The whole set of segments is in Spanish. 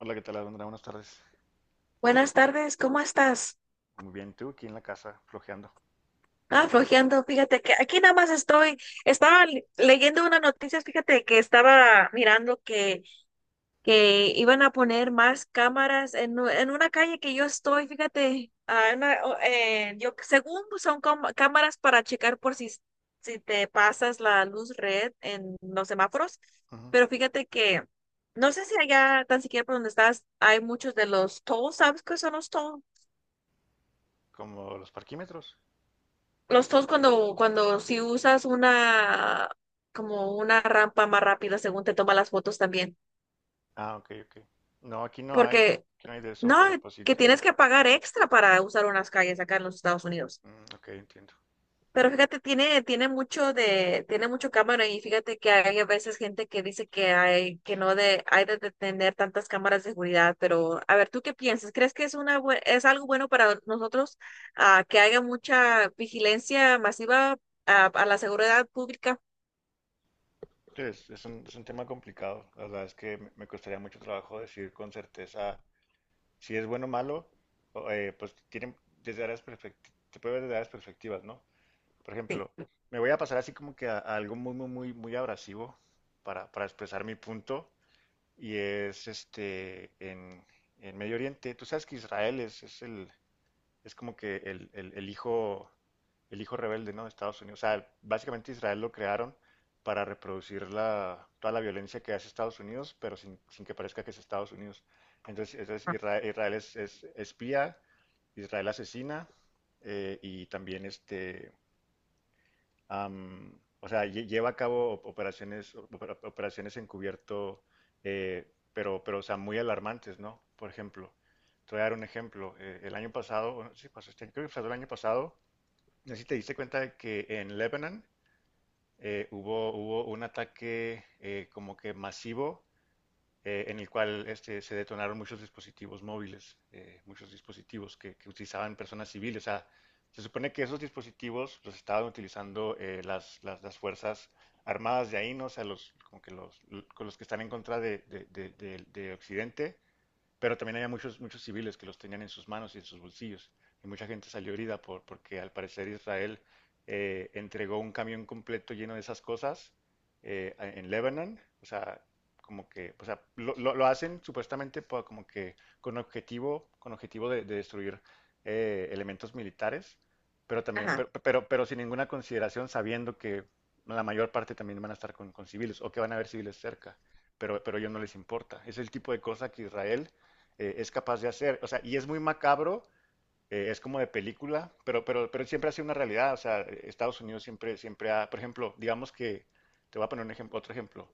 Hola, ¿qué tal, Alondra? Buenas tardes. Buenas tardes, ¿cómo estás? Muy bien, tú aquí en la casa, flojeando. Ah, flojeando, fíjate que aquí nada más estoy, estaba leyendo unas noticias. Fíjate que estaba mirando que iban a poner más cámaras en, en una calle que yo estoy, fíjate, yo según son cámaras para checar por si, si te pasas la luz red en los semáforos, Ujú. pero fíjate que no sé si allá tan siquiera por donde estás hay muchos de los tolls. ¿Sabes qué son los tolls? Como los parquímetros. Los toes cuando, cuando si usas una, como una rampa más rápida, según te toma las fotos también. Ah, ok, ok. No, Porque, aquí no hay de eso, no, pero pues sí que entiendo. tienes que pagar extra para usar unas calles acá en los Estados Unidos. Mm, ok, entiendo. Pero fíjate, tiene mucho de, tiene mucho cámara, y fíjate que hay a veces gente que dice que hay, que no de, hay de tener tantas cámaras de seguridad. Pero, a ver, ¿tú qué piensas? ¿Crees que es una, es algo bueno para nosotros, que haya mucha vigilancia masiva, a la seguridad pública? Sí, es un tema complicado. La verdad es que me costaría mucho trabajo decir con certeza si es bueno o malo. Pues tienen desde se puede ver desde áreas perspectivas, ¿no? Por ejemplo, me voy a pasar así como que a algo muy, muy, muy, muy abrasivo para expresar mi punto. Y es en Medio Oriente. Tú sabes que Israel es el, es como que el hijo rebelde, ¿no?, de Estados Unidos. O sea, básicamente Israel lo crearon para reproducir la, toda la violencia que hace Estados Unidos, pero sin, sin que parezca que es Estados Unidos. Entonces Israel, Israel es espía, Israel asesina, y también am, o sea, lleva a cabo operaciones, operaciones encubierto, pero, o sea, muy alarmantes, ¿no? Por ejemplo, te voy a dar un ejemplo. El año pasado, bueno, sí, pues, este, creo que pasó el año pasado, no sé si te diste cuenta de que en Lebanon hubo un ataque como que masivo, en el cual este, se detonaron muchos dispositivos móviles, muchos dispositivos que, utilizaban personas civiles. O sea, se supone que esos dispositivos los estaban utilizando las fuerzas armadas de ahí, ¿no? O sea, los, como que los, con los que están en contra de Occidente, pero también había muchos, muchos civiles que los tenían en sus manos y en sus bolsillos, y mucha gente salió herida porque al parecer Israel entregó un camión completo lleno de esas cosas en Lebanon. O sea, como que, o sea, lo hacen supuestamente como que con objetivo de destruir elementos militares, pero también, Ajá. Pero sin ninguna consideración, sabiendo que la mayor parte también van a estar con civiles o que van a haber civiles cerca, pero a ellos no les importa. Es el tipo de cosa que Israel es capaz de hacer. O sea, y es muy macabro, es como de película, pero siempre ha sido una realidad. O sea, Estados Unidos siempre, siempre ha, por ejemplo, digamos que, te voy a poner un ejemplo, otro ejemplo.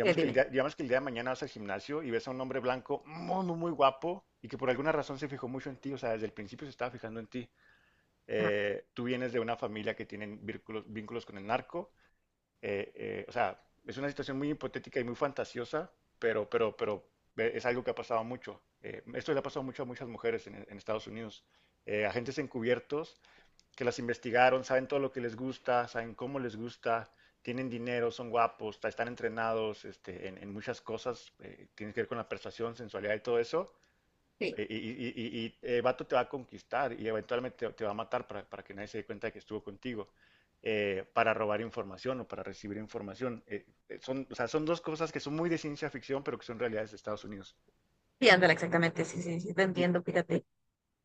Que, el Dime. día, digamos que el día de mañana vas al gimnasio y ves a un hombre blanco muy, muy, muy guapo y que por alguna razón se fijó mucho en ti, o sea, desde el principio se estaba fijando en ti. Ajá, Tú vienes de una familia que tiene vínculos, vínculos con el narco, o sea, es una situación muy hipotética y muy fantasiosa, pero es algo que ha pasado mucho. Esto le ha pasado mucho a muchas mujeres en Estados Unidos. Agentes encubiertos que las investigaron, saben todo lo que les gusta, saben cómo les gusta, tienen dinero, son guapos, están entrenados este, en muchas cosas, tiene que ver con la persuasión, sensualidad y todo eso. sí, Y, el vato te va a conquistar y eventualmente te va a matar para que nadie se dé cuenta de que estuvo contigo, para robar información o para recibir información. Son, o sea, son dos cosas que son muy de ciencia ficción, pero que son realidades de Estados Unidos. sí, ándale, exactamente, sí, sí, sí, te Y, entiendo, fíjate.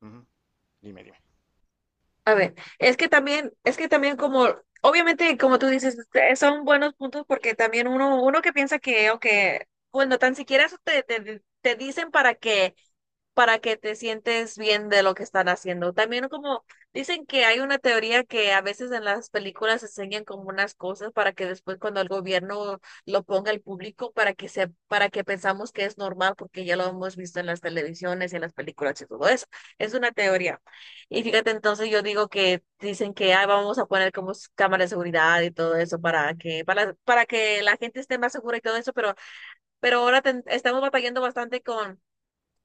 ujú, dime, dime. A ver, es que también como, obviamente, como tú dices, son buenos puntos, porque también uno, uno que piensa que, o que, bueno, tan siquiera eso te, te dicen para que te sientes bien de lo que están haciendo. También como dicen que hay una teoría que a veces en las películas enseñan como unas cosas para que después cuando el gobierno lo ponga al público, para que se, para que pensamos que es normal, porque ya lo hemos visto en las televisiones y en las películas y todo eso. Es una teoría. Y fíjate, entonces yo digo que dicen que: "Ay, vamos a poner como cámaras de seguridad y todo eso para que la gente esté más segura y todo eso". Pero ahora estamos batallando bastante con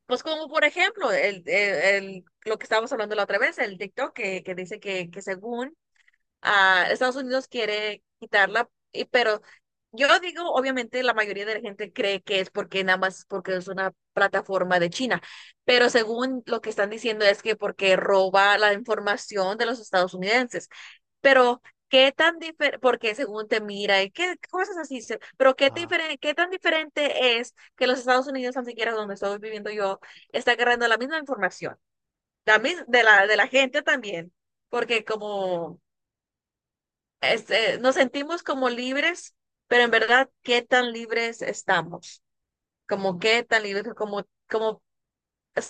pues como por ejemplo, lo que estábamos hablando la otra vez, el TikTok que dice que según Estados Unidos quiere quitarla, y- pero yo digo, obviamente la mayoría de la gente cree que es porque nada más porque es una plataforma de China, pero según lo que están diciendo es que porque roba la información de los estadounidenses. Pero, ¿qué tan diferente? Porque según te mira, y qué cosas así, se- pero ¿qué, Ah, qué tan diferente es que los Estados Unidos, tan siquiera donde estoy viviendo yo, está agarrando la misma información, de la gente también? Porque como este, nos sentimos como libres, pero en verdad, ¿qué tan libres estamos? Como qué tan libres, como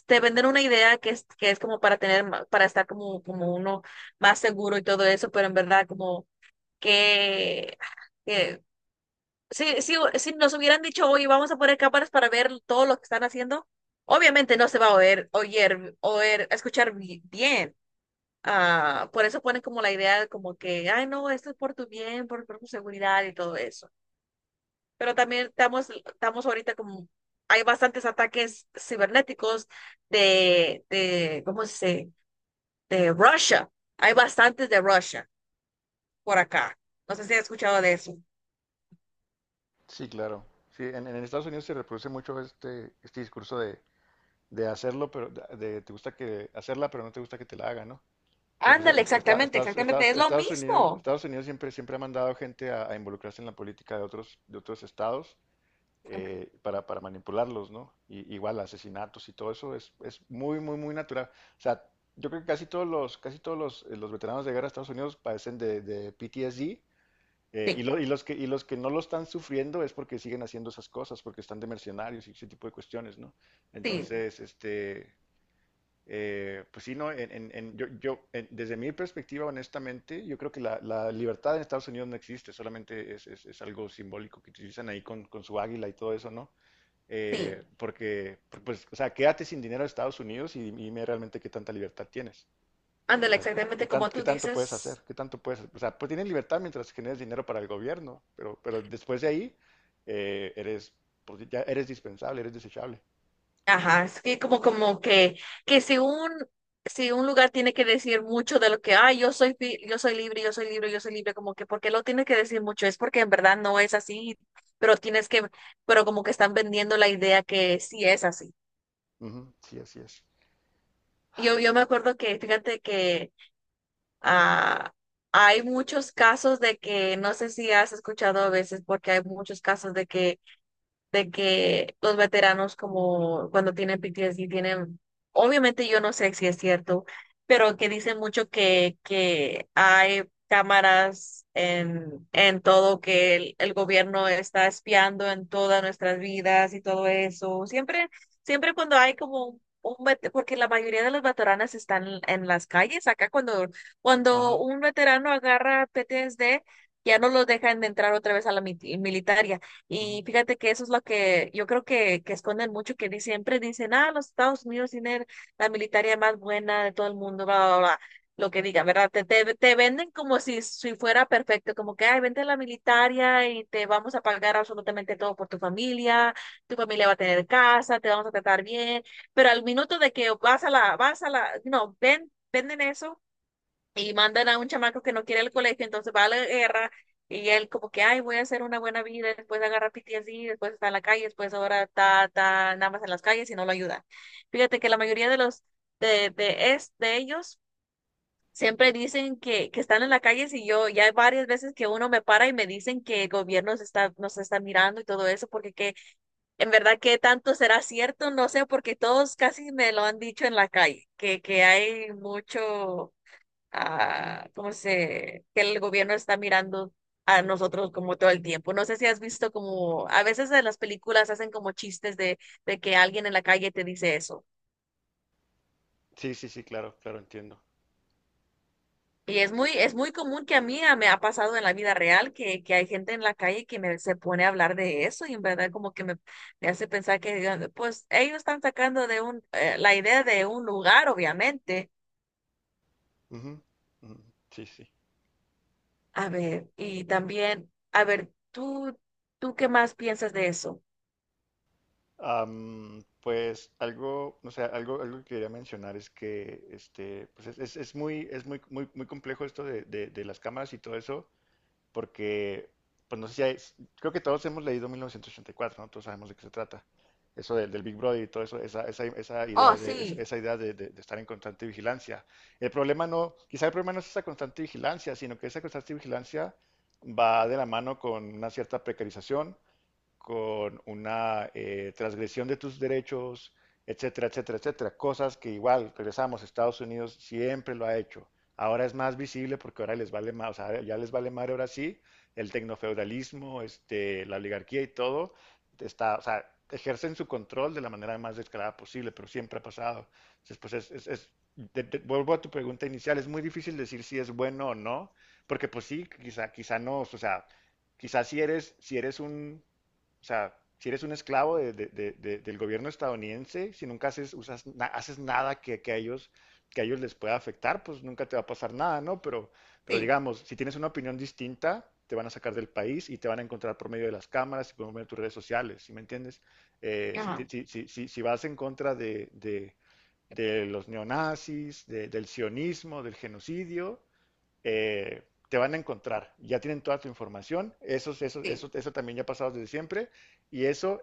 te venden una idea que es como para tener, para estar como, como uno más seguro y todo eso, pero en verdad como que, que si, si nos hubieran dicho, oye, vamos a poner cámaras para ver todo lo que están haciendo, obviamente no se va a oír, oír escuchar bien. Ah, por eso ponen como la idea de como que, ay, no, esto es por tu bien, por tu seguridad y todo eso. Pero también estamos, estamos ahorita como, hay bastantes ataques cibernéticos de, ¿cómo se dice? De Rusia. Hay bastantes de Rusia por acá. No sé si has escuchado de eso. sí, claro. Sí, en Estados Unidos se reproduce mucho este, este discurso de hacerlo, pero de, te gusta que hacerla, pero no te gusta que te la hagan, ¿no? Pero, pues, Ándale, exactamente, exactamente, es lo Estados Unidos, mismo. Estados Unidos siempre, siempre ha mandado gente a involucrarse en la política de otros estados, para manipularlos, ¿no? Y, igual asesinatos y todo eso es muy, muy, muy natural. O sea, yo creo que casi todos los veteranos de guerra de Estados Unidos padecen de PTSD. Sí, Y, y los que no lo están sufriendo es porque siguen haciendo esas cosas, porque están de mercenarios y ese tipo de cuestiones, ¿no? sí, Entonces, este, pues sí, no, en, yo, yo, desde mi perspectiva, honestamente, yo creo que la libertad en Estados Unidos no existe, solamente es, es algo simbólico que utilizan ahí con su águila y todo eso, ¿no? sí. Porque, pues, o sea, quédate sin dinero a Estados Unidos y dime realmente qué tanta libertad tienes. Ándale, O sea, ¿qué exactamente como qué tú tanto puedes dices. hacer? ¿Qué tanto puedes? O sea, pues tienes libertad mientras generes dinero para el gobierno, pero después de ahí eres, pues, ya eres dispensable, eres desechable. Ajá, es que como, como que si un, si un lugar tiene que decir mucho de lo que, ah, yo soy, fi- yo soy libre, yo soy libre, yo soy libre, como que, ¿por qué lo tiene que decir mucho? Es porque en verdad no es así, pero tienes que, pero como que están vendiendo la idea que sí es así. Ujú, sí, así es. Yo me acuerdo que, fíjate que Ah, hay muchos casos de que, no sé si has escuchado a veces, porque hay muchos casos de que los veteranos como cuando tienen PTSD tienen, obviamente yo no sé si es cierto, pero que dicen mucho que hay cámaras en todo, que el gobierno está espiando en todas nuestras vidas y todo eso. Siempre, siempre cuando hay como un vet- porque la mayoría de los veteranos están en las calles, acá cuando, cuando Ajá. un veterano agarra PTSD, ya no los dejan de entrar otra vez a la militar, ya y fíjate que eso es lo que yo creo que esconden mucho, que siempre dicen, ah, los Estados Unidos tienen la militaria más buena de todo el mundo, bla, bla, bla. Lo que digan, ¿verdad? Te, te venden como si, si fuera perfecto, como que, ay, vente a la militaria y te vamos a pagar absolutamente todo por tu familia va a tener casa, te vamos a tratar bien, pero al minuto de que vas a la, no, ven, venden eso y mandan a un chamaco que no quiere el colegio, entonces va a la guerra y él como que, ay, voy a hacer una buena vida, después agarra PTSD, después está en la calle, después ahora está, está nada más en las calles y no lo ayuda. Fíjate que la mayoría de los de ellos siempre dicen que están en la calle, y yo ya hay varias veces que uno me para y me dicen que el gobierno se está, nos está mirando y todo eso, porque que en verdad que tanto será cierto, no sé, porque todos casi me lo han dicho en la calle, que hay mucho que el gobierno está mirando a nosotros como todo el tiempo. No sé si has visto como, a veces en las películas hacen como chistes de que alguien en la calle te dice eso. Sí, sí, sí, claro, claro, entiendo. Y es muy común que a mí me ha pasado en la vida real que hay gente en la calle que me, se pone a hablar de eso, y en verdad como que me hace pensar que, digan, pues ellos están sacando de un, la idea de un lugar, obviamente. Ujú, ujú. Sí, sí. A ver, y también, a ver, ¿tú, tú qué más piensas de eso? Pues algo, o sea, algo, algo que quería mencionar es que este, pues es, es muy, muy, muy complejo esto de, de las cámaras y todo eso, porque, pues no sé si hay, creo que todos hemos leído 1984, ¿no? Todos sabemos de qué se trata. Eso del, del Big Brother y todo eso, esa Oh, idea de, sí. esa idea de, de estar en constante vigilancia. El problema no, quizá el problema no es esa constante vigilancia, sino que esa constante vigilancia va de la mano con una cierta precarización, con una transgresión de tus derechos, etcétera, etcétera, etcétera. Cosas que igual, regresamos, Estados Unidos siempre lo ha hecho. Ahora es más visible porque ahora les vale más, o sea, ya les vale más ahora sí, el tecnofeudalismo, este, la oligarquía y todo, está, o sea, ejercen su control de la manera más descarada posible, pero siempre ha pasado. Entonces, pues es, vuelvo a tu pregunta inicial, es muy difícil decir si es bueno o no, porque pues sí, quizá, quizá no, o sea, quizá si eres, si eres un, o sea, si eres un esclavo del gobierno estadounidense, si nunca haces, usas, haces nada que, que a ellos les pueda afectar, pues nunca te va a pasar nada, ¿no? Pero Sí, digamos, si tienes una opinión distinta, te van a sacar del país y te van a encontrar por medio de las cámaras y por medio de tus redes sociales, ¿sí me entiendes? Si, ajá, si, si vas en contra de, de los neonazis, del sionismo, del genocidio, eh, te van a encontrar. Ya tienen toda tu información. Sí, Eso también ya ha pasado desde siempre. Y eso,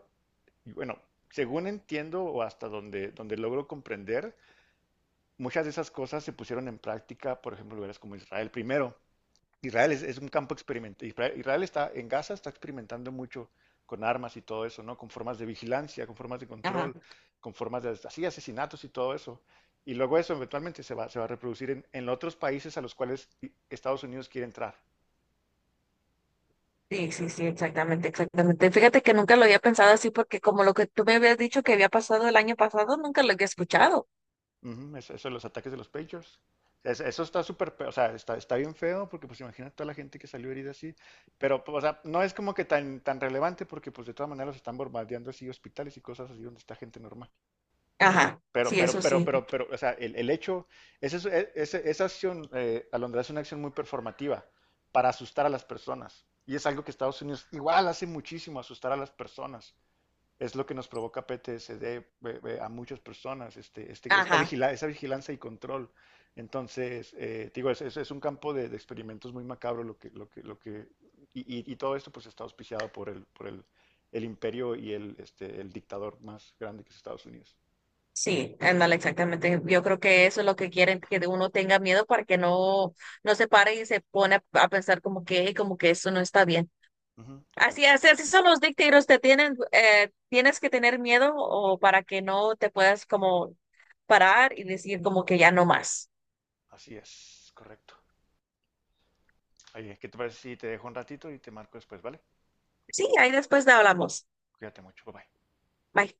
y bueno, según entiendo o hasta donde, donde logro comprender, muchas de esas cosas se pusieron en práctica, por ejemplo, en lugares como Israel primero. Israel es un campo experimental. Israel está en Gaza, está experimentando mucho con armas y todo eso, ¿no? Con formas de vigilancia, con formas de ajá, control, con formas de así, asesinatos y todo eso. Y luego eso eventualmente se va a reproducir en otros países a los cuales Estados Unidos quiere entrar. sí, sí, sí, exactamente, exactamente. Fíjate que nunca lo había pensado así, porque como lo que tú me habías dicho que había pasado el año pasado, nunca lo había escuchado. Ujú, eso de los ataques de los Pagers. Eso está súper, o sea, está, está bien feo porque pues imagina toda la gente que salió herida así, pero pues, o sea, no es como que tan, tan relevante porque pues de todas maneras los están bombardeando así hospitales y cosas así donde está gente normal. Ajá, sí, eso sí, Pero, o sea, el hecho, ese es- e- ese- esa acción, Alondra, es una acción muy performativa para asustar a las personas. Y es algo que Estados Unidos igual hace muchísimo, asustar a las personas. Es lo que nos provoca PTSD a muchas personas, este, ajá, esa vigilancia y control. Entonces, te digo, es, es un campo de experimentos muy macabro lo que, lo que, lo que, y, y todo esto pues está auspiciado por el imperio y el, este, el dictador más grande que es Estados Unidos. sí, ándale, exactamente. Yo creo que eso es lo que quieren, que de uno tenga miedo para que no, no se pare y se pone a pensar como que eso no está bien. Ujú, Así correcto. así así son los dictators, te tienen, tienes que tener miedo o para que no te puedas como parar y decir como que ya no más. Así es, correcto. Oye, ¿qué te parece si te dejo un ratito y te marco después, ¿vale? Sí, ahí después hablamos. Cuídate mucho, bye bye. Bye.